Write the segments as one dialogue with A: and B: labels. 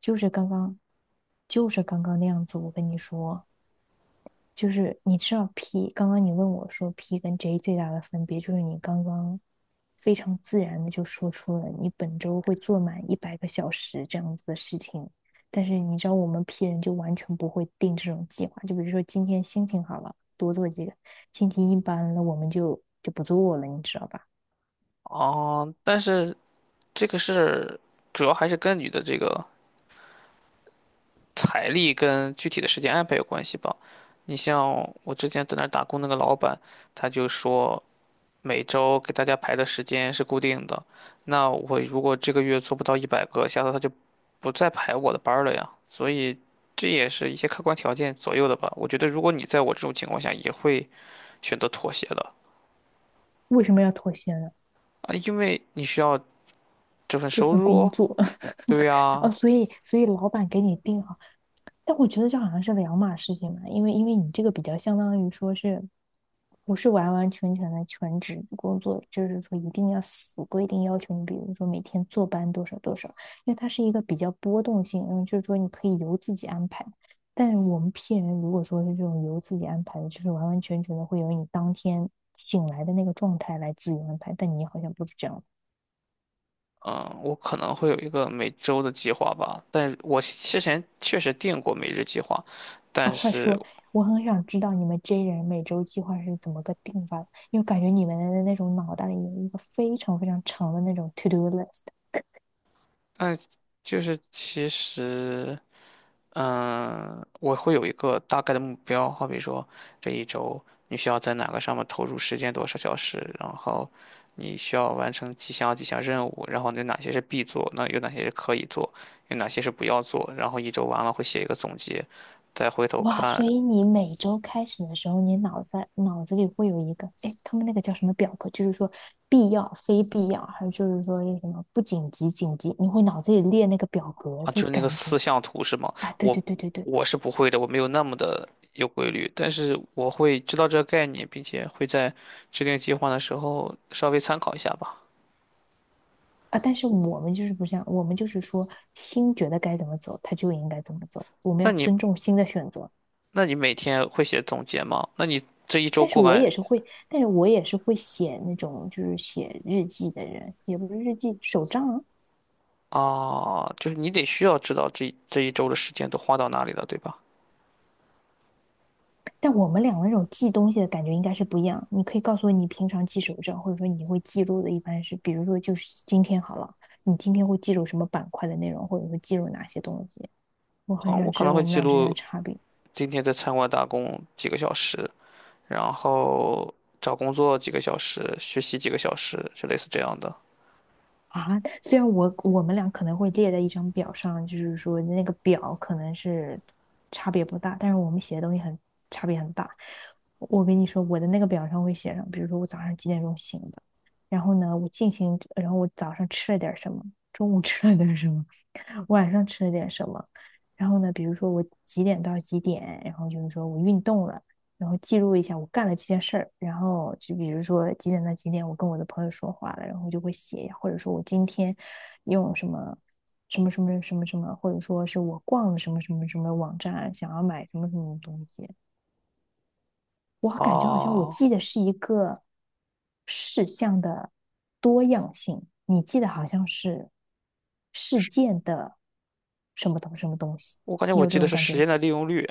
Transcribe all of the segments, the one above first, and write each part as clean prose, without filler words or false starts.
A: 就是刚刚，就是刚刚那样子。我跟你说，就是你知道 P，刚刚你问我说 P 跟 J 最大的分别，就是你刚刚非常自然的就说出了你本周会做满100个小时这样子的事情。但是你知道我们 P 人就完全不会定这种计划，就比如说今天心情好了，多做几个；心情一般了，我们就不做了，你知道吧？
B: 哦，但是这个是主要还是跟你的这个财力跟具体的时间安排有关系吧。你像我之前在那儿打工那个老板，他就说每周给大家排的时间是固定的，那我如果这个月做不到100个，下次他就不再排我的班儿了呀。所以这也是一些客观条件左右的吧。我觉得如果你在我这种情况下，也会选择妥协的
A: 为什么要妥协呢？
B: 啊，因为你需要这份
A: 这
B: 收
A: 份工
B: 入。
A: 作
B: 对
A: 哦，
B: 呀。
A: 所以老板给你定好。但我觉得这好像是两码事情嘛，因为你这个比较相当于说是，不是完完全全的全职工作，就是说一定要死规定要求你，比如说每天坐班多少多少，因为它是一个比较波动性，然后就是说你可以由自己安排。但是我们 P 人如果说是这种由自己安排的，就是完完全全的会由你当天醒来的那个状态来自由安排，但你好像不是这样。
B: 嗯，我可能会有一个每周的计划吧，但是我之前确实定过每日计划，
A: 哦，
B: 但
A: 快
B: 是，
A: 说！我很想知道你们 J 人每周计划是怎么个定法的，因为感觉你们的那种脑袋里有一个非常非常长的那种 to do list。
B: 嗯，就是其实，我会有一个大概的目标，好比说这一周你需要在哪个上面投入时间多少小时，然后你需要完成几项任务，然后有哪些是必做，那有哪些是可以做，有哪些是不要做，然后一周完了会写一个总结，再回头
A: 哇，
B: 看。
A: 所以你每周开始的时候，你脑子里会有一个，哎，他们那个叫什么表格？就是说必要、非必要，还有就是说那什么不紧急、紧急，你会脑子里列那个表格，
B: 啊，就
A: 所以
B: 是那个
A: 感觉，
B: 四象图是吗？
A: 啊，对
B: 我
A: 对对对对，
B: 我是不会的，我没有那么的有规律，但是我会知道这个概念，并且会在制定计划的时候稍微参考一下吧。
A: 啊，但是我们就是不这样，我们就是说心觉得该怎么走，他就应该怎么走，我们要
B: 那你
A: 尊重心的选择。
B: 那你每天会写总结吗？那你这一周
A: 但是
B: 过
A: 我
B: 完
A: 也是会，但是我也是会写那种就是写日记的人，也不是日记，手账啊
B: 啊，就是你得需要知道这一周的时间都花到哪里了，对吧？
A: 但我们俩那种记东西的感觉应该是不一样。你可以告诉我你平常记手账，或者说你会记录的一般是，比如说就是今天好了，你今天会记录什么板块的内容，或者说记录哪些东西。我很
B: 啊，我
A: 想
B: 可
A: 知
B: 能
A: 道
B: 会
A: 我们
B: 记
A: 俩之间的
B: 录
A: 差别。
B: 今天在餐馆打工几个小时，然后找工作几个小时，学习几个小时，就类似这样的。
A: 啊，虽然我们俩可能会列在一张表上，就是说那个表可能是差别不大，但是我们写的东西很差别很大。我跟你说，我的那个表上会写上，比如说我早上几点钟醒的，然后呢，我进行，然后我早上吃了点儿什么，中午吃了点儿什么，晚上吃了点什么。然后呢，比如说我几点到几点，然后就是说我运动了，然后记录一下我干了这件事儿。然后就比如说几点到几点，我跟我的朋友说话了，然后就会写，或者说我今天用什么什么什么什么什么，或者说是我逛了什么什么什么网站，想要买什么什么东西，我感觉好像我
B: 啊。
A: 记得是一个事项的多样性，你记得好像是事件的什么东什么东西，
B: 我感觉
A: 你
B: 我
A: 有这
B: 记得
A: 种
B: 是
A: 感觉
B: 时
A: 吗？
B: 间的利用率。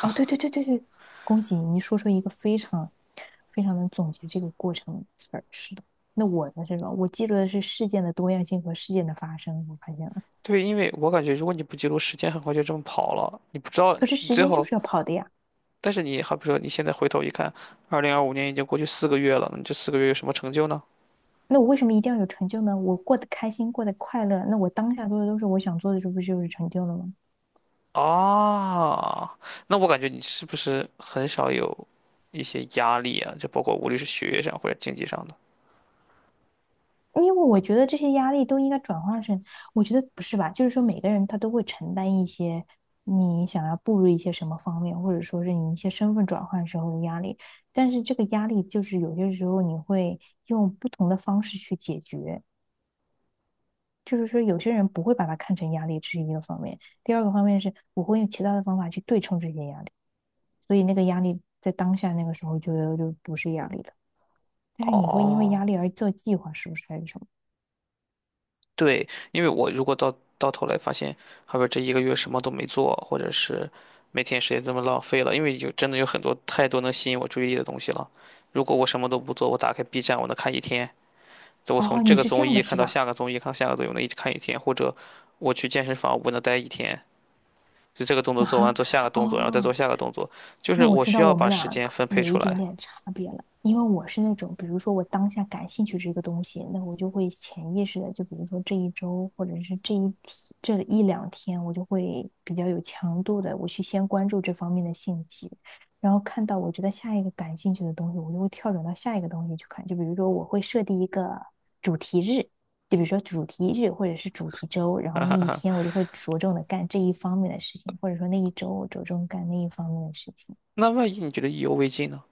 A: 哦，对对对对对，恭喜你，你说出一个非常非常能总结这个过程的词儿是的，那我的这种，我记录的是事件的多样性和事件的发生，我发现了。
B: 对，因为我感觉如果你不记录时间，很快就这么跑了。你不知道
A: 可是
B: 你
A: 时
B: 最
A: 间就
B: 后，
A: 是要跑的呀。
B: 但是你好比说你现在回头一看，2025年已经过去四个月了，那你这四个月有什么成就呢？
A: 那我为什么一定要有成就呢？我过得开心，过得快乐，那我当下做的都是我想做的，这不就是成就了吗？
B: 啊，那我感觉你是不是很少有一些压力啊？就包括无论是学业上或者经济上的。
A: 因为我觉得这些压力都应该转化成，我觉得不是吧？就是说每个人他都会承担一些你想要步入一些什么方面，或者说是你一些身份转换时候的压力。但是这个压力就是有些时候你会用不同的方式去解决，就是说有些人不会把它看成压力，这是一个方面。第二个方面是我会用其他的方法去对冲这些压力，所以那个压力在当下那个时候就不是压力了。但是你会因为
B: 哦，
A: 压力而做计划，是不是还是什么？
B: 对，因为我如果到头来发现，后边这一个月什么都没做，或者是每天时间这么浪费了，因为真的有很多太多能吸引我注意力的东西了。如果我什么都不做，我打开 B 站，我能看一天，就我从
A: 哦，
B: 这
A: 你
B: 个
A: 是这
B: 综
A: 样的，
B: 艺看
A: 是
B: 到
A: 吧？
B: 下个综艺，看到下个综艺，我能一直看一天，或者我去健身房，我能待一天，就这个动作做完，
A: 啊，
B: 做下个动作，然后再做
A: 哦，
B: 下个动作，就是
A: 那我
B: 我
A: 知
B: 需
A: 道
B: 要
A: 我们
B: 把时
A: 俩
B: 间
A: 可
B: 分配
A: 有
B: 出
A: 一点
B: 来。
A: 点差别了，因为我是那种，比如说我当下感兴趣这个东西，那我就会潜意识的，就比如说这一周或者是这一天这一两天，我就会比较有强度的，我去先关注这方面的信息，然后看到我觉得下一个感兴趣的东西，我就会跳转到下一个东西去看。就比如说我会设定一个主题日，就比如说主题日或者是主题周，然后
B: 哈哈
A: 那一
B: 哈，
A: 天我就会着重的干这一方面的事情，或者说那一周我着重干那一方面的事情。
B: 那万一你觉得意犹未尽呢？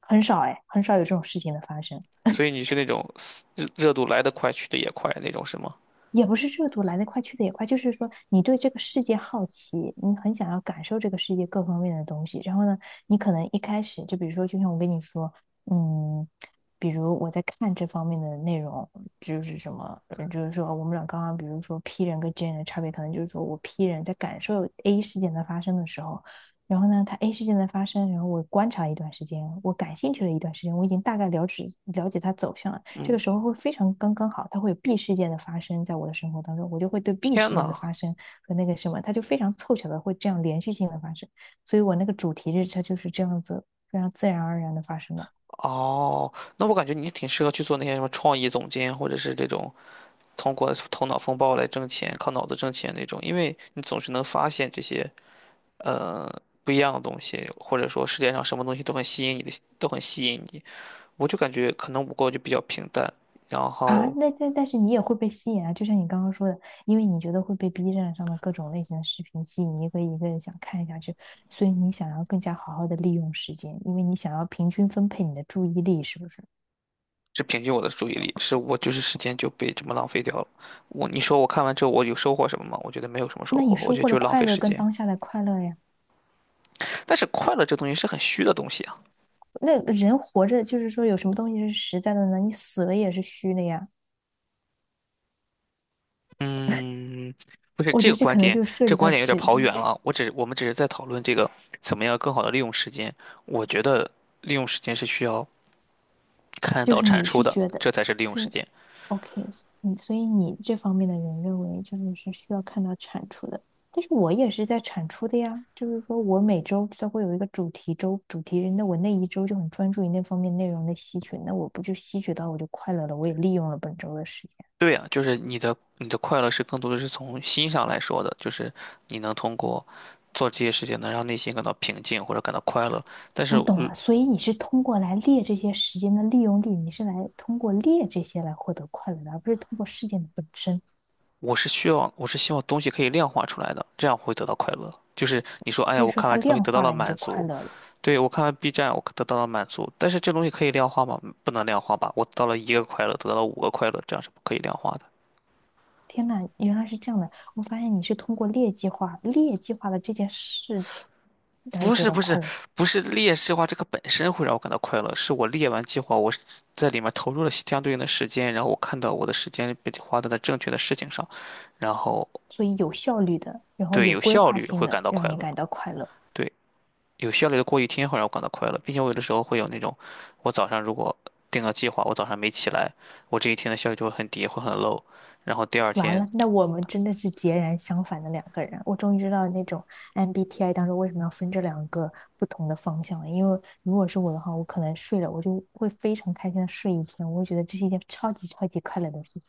A: 很少哎，很少有这种事情的发生。
B: 所以你是那种热度来得快，去得也快那种，是吗？
A: 也不是热度来得快去得也快，就是说你对这个世界好奇，你很想要感受这个世界各方面的东西。然后呢，你可能一开始就比如说，就像我跟你说，嗯，比如我在看这方面的内容，就是什么，就是说我们俩刚刚比如说 P 人跟 J 人的差别，可能就是说我 P 人在感受 A 事件的发生的时候，然后呢，它 A 事件的发生，然后我观察了一段时间，我感兴趣了一段时间，我已经大概了解了解它走向了。这个时候会非常刚刚好，它会有 B 事件的发生在我的生活当中，我就会对 B
B: 天
A: 事件的
B: 呐，
A: 发生和那个什么，它就非常凑巧的会这样连续性的发生，所以我那个主题日它就是这样子非常自然而然的发生的。
B: 哦，那我感觉你挺适合去做那些什么创意总监，或者是这种通过头脑风暴来挣钱、靠脑子挣钱那种，因为你总是能发现这些呃不一样的东西，或者说世界上什么东西都很吸引你的，都很吸引你。我就感觉可能我过就比较平淡，然
A: 啊，
B: 后
A: 那但是你也会被吸引啊，就像你刚刚说的，因为你觉得会被 B 站上的各种类型的视频吸引，一个一个想看下去，所以你想要更加好好的利用时间，因为你想要平均分配你的注意力，是不是？
B: 是平均我的注意力，是我就是时间就被这么浪费掉了。你说我看完之后我有收获什么吗？我觉得没有什么收
A: 那
B: 获，
A: 你
B: 我
A: 收
B: 觉得
A: 获了
B: 就是浪
A: 快
B: 费
A: 乐
B: 时
A: 跟
B: 间。
A: 当下的快乐呀。
B: 但是快乐这东西是很虚的东西啊。
A: 那人活着就是说有什么东西是实在的呢？你死了也是虚的呀。
B: 嗯，不是
A: 我
B: 这
A: 觉
B: 个
A: 得这
B: 观
A: 可能
B: 点，
A: 就涉
B: 这
A: 及
B: 观
A: 到
B: 点有点
A: 只，
B: 跑远了。我们只是在讨论这个怎么样更好的利用时间。我觉得利用时间是需要看
A: 就
B: 到
A: 是
B: 产
A: 你
B: 出
A: 是
B: 的，
A: 觉得，
B: 这才是利
A: 就
B: 用时
A: 是
B: 间。
A: OK，嗯，所以你这方面的人认为就是是需要看到产出的，但是我也是在产出的呀，就是说我每周都会有一个主题周，主题日，那我那一周就很专注于那方面内容的吸取，那我不就吸取到我就快乐了，我也利用了本周的时间。
B: 对呀，就是你的快乐是更多的是从心上来说的，就是你能通过做这些事情能让内心感到平静或者感到快乐。但是，
A: 我懂了，所以你是通过来列这些时间的利用率，你是来通过列这些来获得快乐的，而不是通过事件的本身。
B: 我是希望东西可以量化出来的，这样会得到快乐。就是你说，哎呀，
A: 所以
B: 我
A: 说
B: 看
A: 它
B: 完这东西
A: 量
B: 得到
A: 化
B: 了
A: 了，你
B: 满
A: 就快
B: 足，
A: 乐了。
B: 对，我看完 B 站，我得到了满足，但是这东西可以量化吗？不能量化吧？我得到了一个快乐，得到了五个快乐，这样是不可以量化的。
A: 天呐，原来是这样的！我发现你是通过劣计划、劣计划的这件事来
B: 不
A: 得
B: 是
A: 到
B: 不是
A: 快乐，
B: 不是，列式化这个本身会让我感到快乐，是我列完计划，我是在里面投入了相对应的时间，然后我看到我的时间被花在了正确的事情上，然后
A: 所以有效率的，然后
B: 对
A: 有
B: 有
A: 规
B: 效
A: 划
B: 率
A: 性
B: 会
A: 的，
B: 感到
A: 让
B: 快
A: 你
B: 乐，
A: 感到快乐。
B: 对，有效率的过一天会让我感到快乐，并且我有的时候会有那种，我早上如果定了计划，我早上没起来，我这一天的效率就会很低，会很 low，然后第二
A: 完了，
B: 天。
A: 那我们真的是截然相反的两个人。我终于知道那种 MBTI 当中为什么要分这两个不同的方向了。因为如果是我的话，我可能睡了，我就会非常开心的睡一天，我会觉得这是一件超级超级快乐的事情。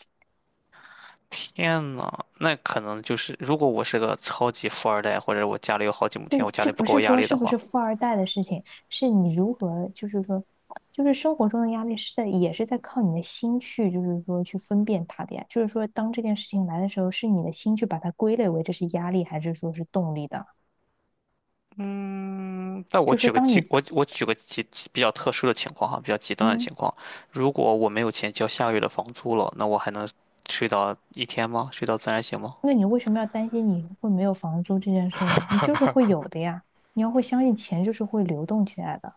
B: 天呐，那可能就是，如果我是个超级富二代，或者我家里有好几亩
A: 这
B: 田，
A: 个
B: 我家
A: 这
B: 里不
A: 不
B: 给我
A: 是
B: 压
A: 说
B: 力
A: 是
B: 的
A: 不
B: 话，
A: 是富二代的事情，是你如何，就是说，就是生活中的压力是在，也是在靠你的心去，就是说去分辨它的呀。就是说，当这件事情来的时候，是你的心去把它归类为这是压力，还是说是动力的？
B: 嗯，那我
A: 就是说，
B: 举个
A: 当
B: 极，
A: 你，
B: 我举个极比较特殊的情况哈，比较极端的
A: 嗯，
B: 情况，如果我没有钱交下个月的房租了，那我还能睡到一天吗？睡到自然醒吗？
A: 那你为什么要担心你会没有房租这件事呢？你就是会有的呀，你要会相信钱就是会流动起来的。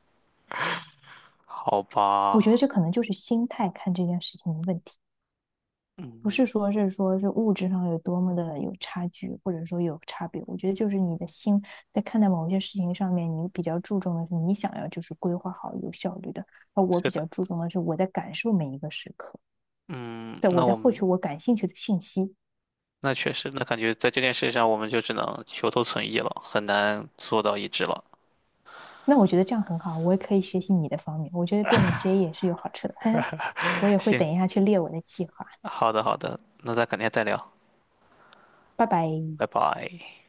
B: 好
A: 我觉得
B: 吧，
A: 这可能就是心态看这件事情的问题。不
B: 嗯，
A: 是说是说是物质上有多么的有差距，或者说有差别。我觉得就是你的心在看待某些事情上面，你比较注重的是你想要就是规划好有效率的，而我
B: 是
A: 比
B: 的，
A: 较注重的是我在感受每一个时刻，
B: 嗯，
A: 在我
B: 那
A: 在
B: 我
A: 获取
B: 们
A: 我感兴趣的信息。
B: 那确实，那感觉在这件事上，我们就只能求同存异了，很难做到一致了。
A: 那我觉得这样很好，我也可以学习你的方面。我觉得变得 J 也是有好处的，嘿嘿，我 也会
B: 行，
A: 等一下去列我的计划。
B: 好的好的，那咱改天再聊，
A: 拜拜。
B: 拜拜。